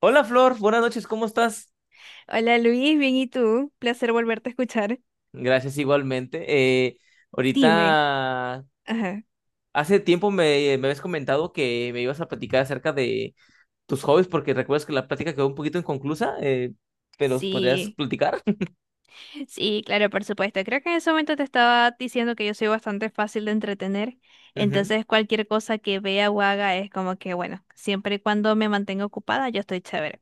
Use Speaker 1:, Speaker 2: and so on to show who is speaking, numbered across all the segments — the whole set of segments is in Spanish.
Speaker 1: Hola Flor, buenas noches, ¿cómo estás?
Speaker 2: Hola Luis, bien, ¿y tú? Placer volverte a escuchar.
Speaker 1: Gracias igualmente. Eh,
Speaker 2: Dime.
Speaker 1: ahorita,
Speaker 2: Ajá.
Speaker 1: hace tiempo me habías comentado que me ibas a platicar acerca de tus hobbies, porque recuerdas que la plática quedó un poquito inconclusa, pero ¿os ¿podrías
Speaker 2: Sí,
Speaker 1: platicar?
Speaker 2: sí, claro, por supuesto. Creo que en ese momento te estaba diciendo que yo soy bastante fácil de entretener.
Speaker 1: Ujú.
Speaker 2: Entonces, cualquier cosa que vea o haga es como que, bueno, siempre y cuando me mantenga ocupada, yo estoy chévere.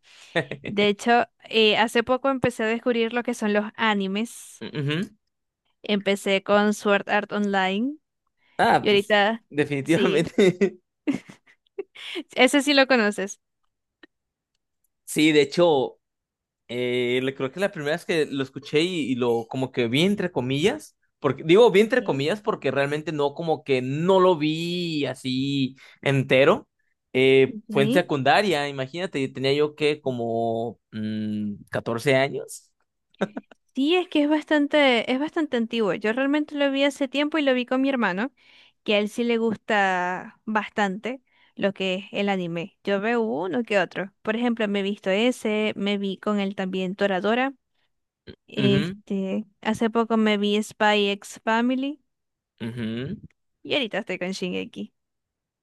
Speaker 2: De hecho, hace poco empecé a descubrir lo que son los animes.
Speaker 1: Ujú.
Speaker 2: Empecé con Sword Art Online
Speaker 1: Ah,
Speaker 2: y
Speaker 1: pues
Speaker 2: ahorita, sí,
Speaker 1: definitivamente.
Speaker 2: ese sí lo conoces.
Speaker 1: Sí, de hecho, le creo que la primera vez que lo escuché y lo como que vi entre comillas, porque digo vi entre
Speaker 2: Ok,
Speaker 1: comillas porque realmente no como que no lo vi así entero, fue en
Speaker 2: ok.
Speaker 1: secundaria, imagínate, tenía yo que como 14 años.
Speaker 2: Sí, es bastante antiguo. Yo realmente lo vi hace tiempo y lo vi con mi hermano, que a él sí le gusta bastante lo que es el anime. Yo veo uno que otro. Por ejemplo, me he visto ese, me vi con él también Toradora.
Speaker 1: Ujú,
Speaker 2: Este, hace poco me vi Spy X Family
Speaker 1: ujú.
Speaker 2: y ahorita estoy con Shingeki.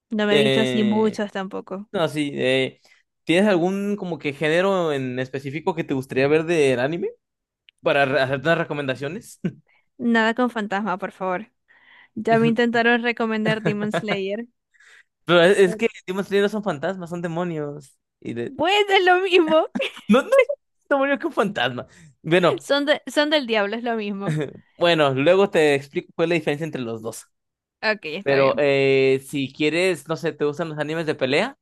Speaker 2: No me he visto así
Speaker 1: Eh,
Speaker 2: muchos tampoco.
Speaker 1: no, sí, ¿tienes algún como que género en específico que te gustaría ver del anime para hacerte unas recomendaciones?
Speaker 2: Nada con fantasma, por favor. Ya me intentaron recomendar Demon Slayer.
Speaker 1: Pero es que Demon Slayer no son fantasmas, son demonios. Y de...
Speaker 2: Bueno, es lo mismo.
Speaker 1: No, no es un demonio que un fantasma. Bueno,
Speaker 2: Son del diablo, es lo mismo.
Speaker 1: bueno, luego te explico cuál es la diferencia entre los dos.
Speaker 2: Ok, está
Speaker 1: Pero
Speaker 2: bien.
Speaker 1: si quieres, no sé, ¿te gustan los animes de pelea?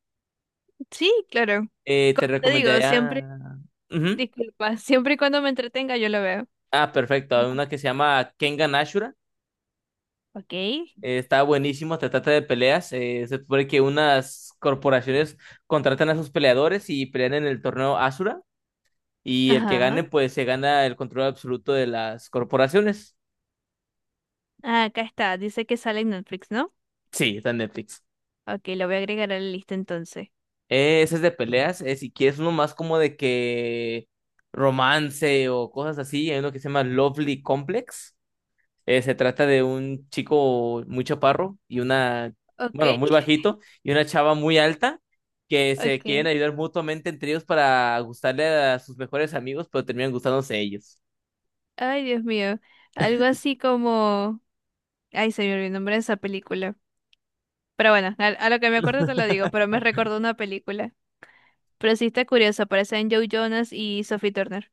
Speaker 2: Sí, claro.
Speaker 1: Te
Speaker 2: Como te digo, siempre,
Speaker 1: recomendaría... Ujú.
Speaker 2: disculpa, siempre y cuando me entretenga yo lo veo.
Speaker 1: Ah, perfecto. Hay una que se llama Kengan Ashura.
Speaker 2: Ok.
Speaker 1: Está buenísimo, te trata de peleas. Se supone que unas corporaciones contratan a sus peleadores y pelean en el torneo Ashura. Y el que
Speaker 2: Ajá.
Speaker 1: gane, pues se gana el control absoluto de las corporaciones.
Speaker 2: Ah, acá está. Dice que sale en Netflix, ¿no?
Speaker 1: Sí, está en Netflix.
Speaker 2: Ok, lo voy a agregar a la lista entonces.
Speaker 1: Ese es de peleas. Si quieres uno más como de que romance o cosas así, hay uno que se llama Lovely Complex. Se trata de un chico muy chaparro y una,
Speaker 2: Ok,
Speaker 1: bueno, muy bajito y una chava muy alta que se quieren
Speaker 2: ok.
Speaker 1: ayudar mutuamente entre ellos para gustarle a sus mejores amigos, pero terminan gustándose ellos.
Speaker 2: Ay, Dios mío. Algo así como... Ay, se me olvidó el nombre de esa película. Pero bueno, a lo que me acuerdo te lo digo, pero me recordó una película. Pero sí está curioso, aparecen Joe Jonas y Sophie Turner.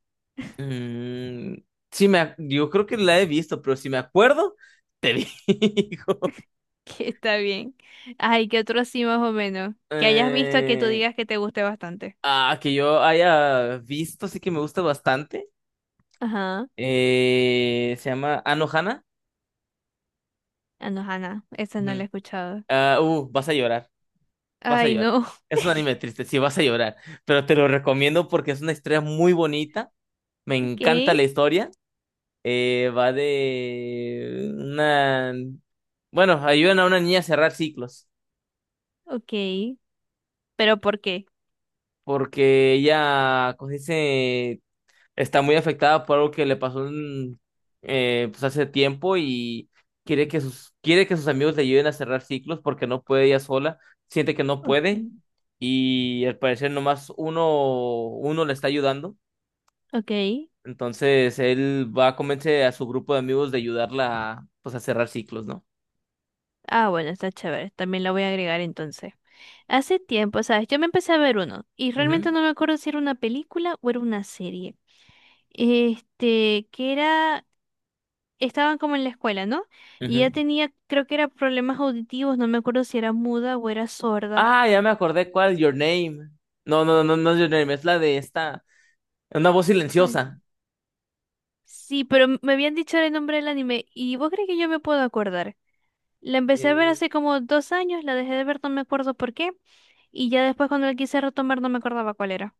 Speaker 1: Mm, sí, yo creo que la he visto, pero si me acuerdo, te digo.
Speaker 2: Que está bien. Ay, ¿qué otro así más o menos? Que hayas visto que tú
Speaker 1: Eh,
Speaker 2: digas que te guste bastante.
Speaker 1: Que yo haya visto, sí que me gusta bastante.
Speaker 2: Ajá.
Speaker 1: Se llama Anohana.
Speaker 2: Ah, no, Hannah, esa no la he
Speaker 1: Ujú.
Speaker 2: escuchado.
Speaker 1: Vas a llorar, vas a
Speaker 2: Ay,
Speaker 1: llorar.
Speaker 2: no.
Speaker 1: Es un anime triste, sí, vas a llorar. Pero te lo recomiendo porque es una historia muy bonita. Me
Speaker 2: Ok,
Speaker 1: encanta la historia. Va de una... Bueno, ayudan a una niña a cerrar ciclos
Speaker 2: ok. ¿Pero por qué?
Speaker 1: porque ella, como se dice? Está muy afectada por algo que le pasó en, pues hace tiempo y quiere que sus amigos le ayuden a cerrar ciclos porque no puede ella sola, siente que no puede
Speaker 2: Okay,
Speaker 1: y al parecer nomás uno le está ayudando.
Speaker 2: ok.
Speaker 1: Entonces él va a convencer a su grupo de amigos de ayudarla a, pues, a cerrar ciclos, ¿no?
Speaker 2: Ah, bueno, está chévere. También la voy a agregar entonces. Hace tiempo, ¿sabes? Yo me empecé a ver uno y realmente
Speaker 1: Ujú,
Speaker 2: no me acuerdo si era una película o era una serie. Este, que era estaban como en la escuela, ¿no? Y ella
Speaker 1: ujú.
Speaker 2: tenía, creo que era problemas auditivos, no me acuerdo si era muda o era sorda.
Speaker 1: Ah, ya me acordé cuál, Your Name. No, no, no, no es Your Name, es la de esta, Una voz
Speaker 2: Bueno.
Speaker 1: silenciosa.
Speaker 2: Sí, pero me habían dicho el nombre del anime y vos crees que yo me puedo acordar. La empecé a ver hace como 2 años, la dejé de ver, no me acuerdo por qué, y ya después cuando la quise retomar no me acordaba cuál era.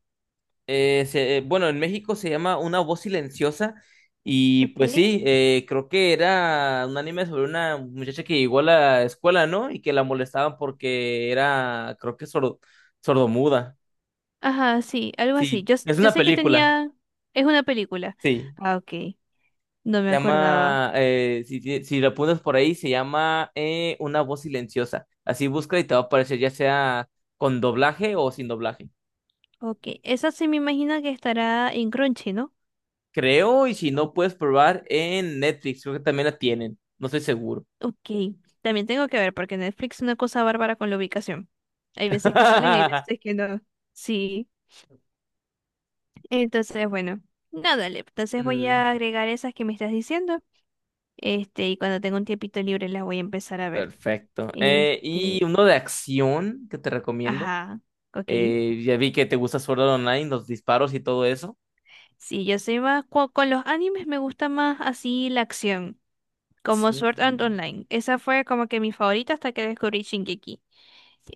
Speaker 1: Bueno, en México se llama Una voz silenciosa y
Speaker 2: Ok.
Speaker 1: pues sí, creo que era un anime sobre una muchacha que llegó a la escuela, ¿no? Y que la molestaban porque era, creo que sordomuda.
Speaker 2: Ajá, sí, algo así.
Speaker 1: Sí, es
Speaker 2: Yo
Speaker 1: una
Speaker 2: sé que
Speaker 1: película,
Speaker 2: tenía... Es una película.
Speaker 1: sí.
Speaker 2: Ah, ok, no me
Speaker 1: Se
Speaker 2: acordaba.
Speaker 1: llama, si lo pones por ahí, se llama Una voz silenciosa. Así busca y te va a aparecer ya sea con doblaje o sin doblaje.
Speaker 2: Ok, esa sí me imagino que estará en Crunchy, ¿no?
Speaker 1: Creo, y si no, puedes probar en Netflix, creo que también la tienen, no estoy seguro.
Speaker 2: Ok, también tengo que ver porque Netflix es una cosa bárbara con la ubicación. Hay veces que salen, hay veces que no. Sí, entonces bueno, nada, le. Entonces voy
Speaker 1: Mm,
Speaker 2: a agregar esas que me estás diciendo. Este, y cuando tenga un tiempito libre las voy a empezar a ver.
Speaker 1: perfecto.
Speaker 2: Este,
Speaker 1: Y uno de acción que te recomiendo.
Speaker 2: ajá, ok.
Speaker 1: Ya vi que te gusta Sword Art Online, los disparos y todo eso.
Speaker 2: Sí, yo soy más, con los animes me gusta más así la acción, como
Speaker 1: Acción.
Speaker 2: Sword Art Online. Esa fue como que mi favorita hasta que descubrí Shingeki.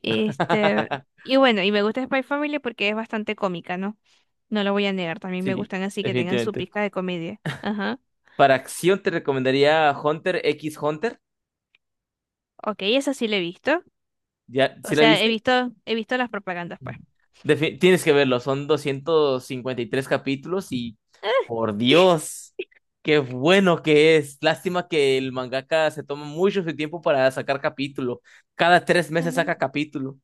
Speaker 2: Este, y bueno, y me gusta Spy Family porque es bastante cómica, ¿no? No lo voy a negar, también me
Speaker 1: Sí,
Speaker 2: gustan así que tengan su
Speaker 1: definitivamente.
Speaker 2: pizca de comedia. Ajá.
Speaker 1: Para acción te recomendaría Hunter x Hunter.
Speaker 2: Ok, esa sí la he visto.
Speaker 1: ¿Ya? ¿Sí
Speaker 2: O
Speaker 1: la
Speaker 2: sea,
Speaker 1: viste?
Speaker 2: he visto las propagandas, pues.
Speaker 1: Tienes que verlo, son 253 capítulos y por
Speaker 2: ¿Qué?
Speaker 1: Dios, qué bueno que es. Lástima que el mangaka se toma mucho su tiempo para sacar capítulo. Cada 3 meses saca
Speaker 2: Ajá.
Speaker 1: capítulo.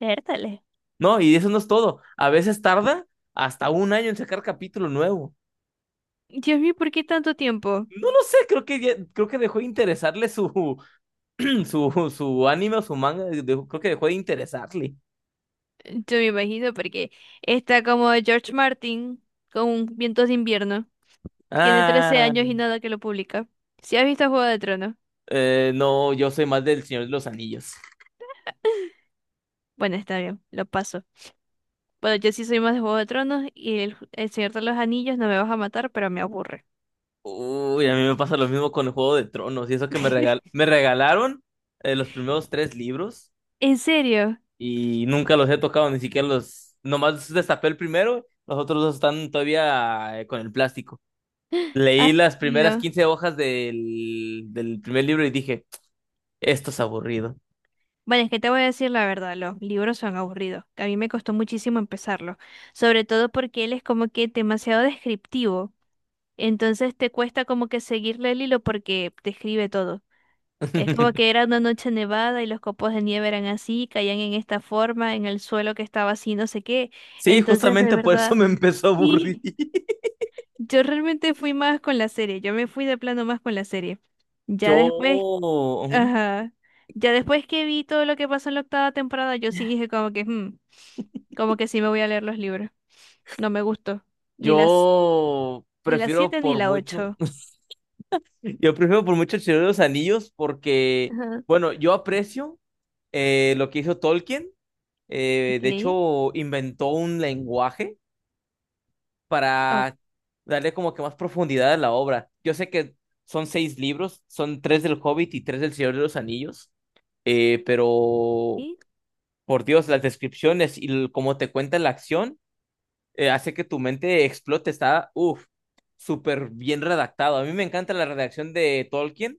Speaker 2: Vértale.
Speaker 1: No, y eso no es todo. A veces tarda hasta un año en sacar capítulo nuevo.
Speaker 2: Dios mío, ¿por qué tanto tiempo?
Speaker 1: No lo sé, creo que dejó de interesarle su anime o su manga, creo que dejó de interesarle.
Speaker 2: Yo me imagino porque está como George Martin con Vientos de Invierno. Tiene 13
Speaker 1: Ah,
Speaker 2: años y nada que lo publica. Si has visto Juego de Tronos,
Speaker 1: no, yo soy más del Señor de los Anillos.
Speaker 2: bueno, está bien, lo paso. Bueno, yo sí soy más de Juego de Tronos y el Señor de los Anillos no me vas a matar, pero me aburre.
Speaker 1: Uy, a mí me pasa lo mismo con el Juego de Tronos. Y eso que me regalaron los primeros tres libros
Speaker 2: ¿En serio?
Speaker 1: y nunca los he tocado, ni siquiera los... Nomás destapé el primero, los otros dos están todavía con el plástico.
Speaker 2: Ay,
Speaker 1: Leí las
Speaker 2: Dios
Speaker 1: primeras
Speaker 2: mío.
Speaker 1: 15 hojas del primer libro y dije, esto es aburrido.
Speaker 2: Bueno, es que te voy a decir la verdad, los libros son aburridos. A mí me costó muchísimo empezarlos, sobre todo porque él es como que demasiado descriptivo. Entonces te cuesta como que seguirle el hilo porque describe todo. Es como que era una noche nevada y los copos de nieve eran así, caían en esta forma, en el suelo que estaba así, no sé qué.
Speaker 1: Sí,
Speaker 2: Entonces, de
Speaker 1: justamente por eso
Speaker 2: verdad,
Speaker 1: me empezó a aburrir.
Speaker 2: sí. Yo realmente fui más con la serie, yo me fui de plano más con la serie.
Speaker 1: Yo,
Speaker 2: Ya después,
Speaker 1: ujú,
Speaker 2: ajá, ya después que vi todo lo que pasó en la octava temporada, yo sí dije como que, "Hmm, como que sí me voy a leer los libros. No me gustó, ni las,
Speaker 1: yo
Speaker 2: ni las
Speaker 1: prefiero
Speaker 2: siete ni
Speaker 1: por
Speaker 2: la
Speaker 1: mucho.
Speaker 2: ocho.
Speaker 1: Yo prefiero por mucho el Señor de los Anillos porque,
Speaker 2: Ajá.
Speaker 1: bueno, yo aprecio lo que hizo Tolkien. De
Speaker 2: Okay,
Speaker 1: hecho, inventó un lenguaje para darle como que más profundidad a la obra. Yo sé que son seis libros, son tres del Hobbit y tres del Señor de los Anillos, pero
Speaker 2: okay,
Speaker 1: por Dios, las descripciones y cómo te cuenta la acción hace que tu mente explote. Está, uff, súper bien redactado. A mí me encanta la redacción de Tolkien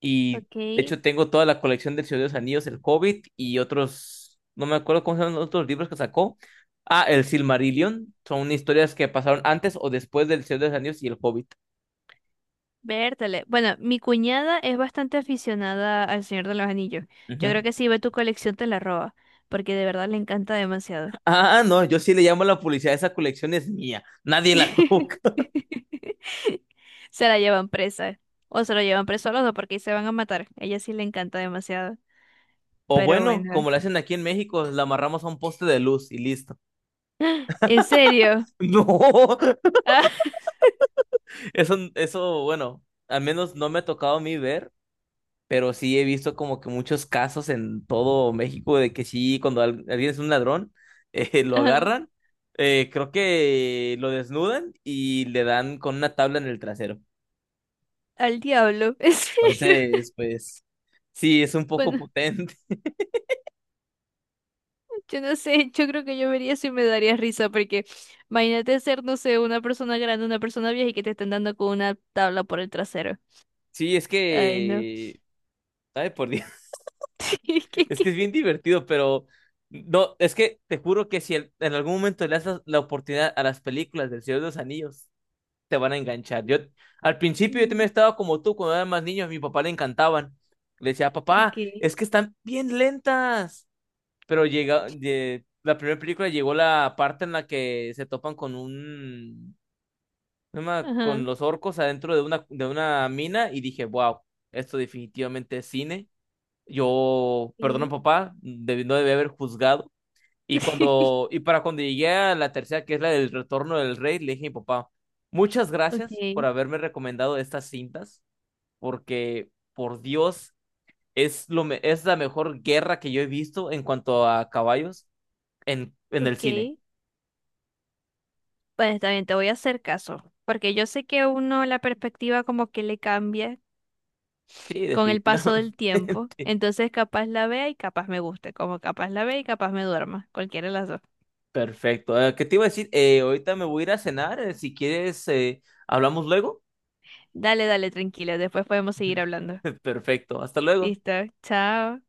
Speaker 1: y de
Speaker 2: okay.
Speaker 1: hecho tengo toda la colección del Señor de los Anillos, el Hobbit y otros, no me acuerdo cómo se llaman los otros libros que sacó. Ah, el Silmarillion. Son historias que pasaron antes o después del Señor de los Anillos y el Hobbit.
Speaker 2: Vértale. Bueno, mi cuñada es bastante aficionada al Señor de los Anillos. Yo creo
Speaker 1: Ujú.
Speaker 2: que si ve tu colección te la roba, porque de verdad le encanta demasiado.
Speaker 1: Ah, no, yo sí le llamo a la publicidad, esa colección es mía, nadie la toca.
Speaker 2: Se la llevan presa. O se lo llevan preso a los dos porque ahí se van a matar. A ella sí le encanta demasiado.
Speaker 1: O
Speaker 2: Pero
Speaker 1: bueno,
Speaker 2: bueno.
Speaker 1: como la hacen aquí en México, la amarramos a un poste de luz y listo.
Speaker 2: ¿En serio?
Speaker 1: No,
Speaker 2: Ah,
Speaker 1: bueno, al menos no me ha tocado a mí ver, pero sí he visto como que muchos casos en todo México de que sí, cuando alguien es un ladrón, lo
Speaker 2: ah,
Speaker 1: agarran, creo que lo desnudan y le dan con una tabla en el trasero.
Speaker 2: al diablo. ¿En serio?
Speaker 1: Entonces, pues sí, es un poco
Speaker 2: Bueno,
Speaker 1: potente.
Speaker 2: yo no sé. Yo creo que yo vería eso y me daría risa porque imagínate ser, no sé, una persona grande, una persona vieja y que te estén dando con una tabla por el trasero.
Speaker 1: Sí, es
Speaker 2: Ay, no.
Speaker 1: que, ay, por Dios,
Speaker 2: ¿Qué, qué,
Speaker 1: es que es
Speaker 2: qué?
Speaker 1: bien divertido, pero no, es que te juro que si en algún momento le das la oportunidad a las películas del Señor de los Anillos, te van a enganchar. Yo al principio yo también
Speaker 2: Mm,
Speaker 1: estaba como tú, cuando eran más niños, a mi papá le encantaban. Le decía,
Speaker 2: ok.
Speaker 1: papá, es que están bien lentas. Pero llega, de, la primera película llegó la parte en la que se topan con un, no me- con
Speaker 2: Ajá.
Speaker 1: los orcos adentro de de una mina y dije, wow, esto definitivamente es cine. Yo, perdón,
Speaker 2: Sí.
Speaker 1: papá, no debí haber juzgado. Y cuando, y para cuando llegué a la tercera, que es la del Retorno del Rey, le dije a mi papá, muchas gracias por
Speaker 2: Ok.
Speaker 1: haberme recomendado estas cintas, porque por Dios, es la mejor guerra que yo he visto en cuanto a caballos en el cine.
Speaker 2: Ok. Bueno, está bien, te voy a hacer caso, porque yo sé que uno la perspectiva como que le cambia
Speaker 1: Sí,
Speaker 2: con el paso
Speaker 1: definitivamente.
Speaker 2: del tiempo, entonces capaz la vea y capaz me guste, como capaz la vea y capaz me duerma, cualquiera de las dos.
Speaker 1: Perfecto. ¿Qué te iba a decir? Ahorita me voy a ir a cenar. Si quieres, hablamos luego.
Speaker 2: Dale, dale, tranquila, después podemos seguir hablando.
Speaker 1: Perfecto. Hasta luego.
Speaker 2: Listo, chao.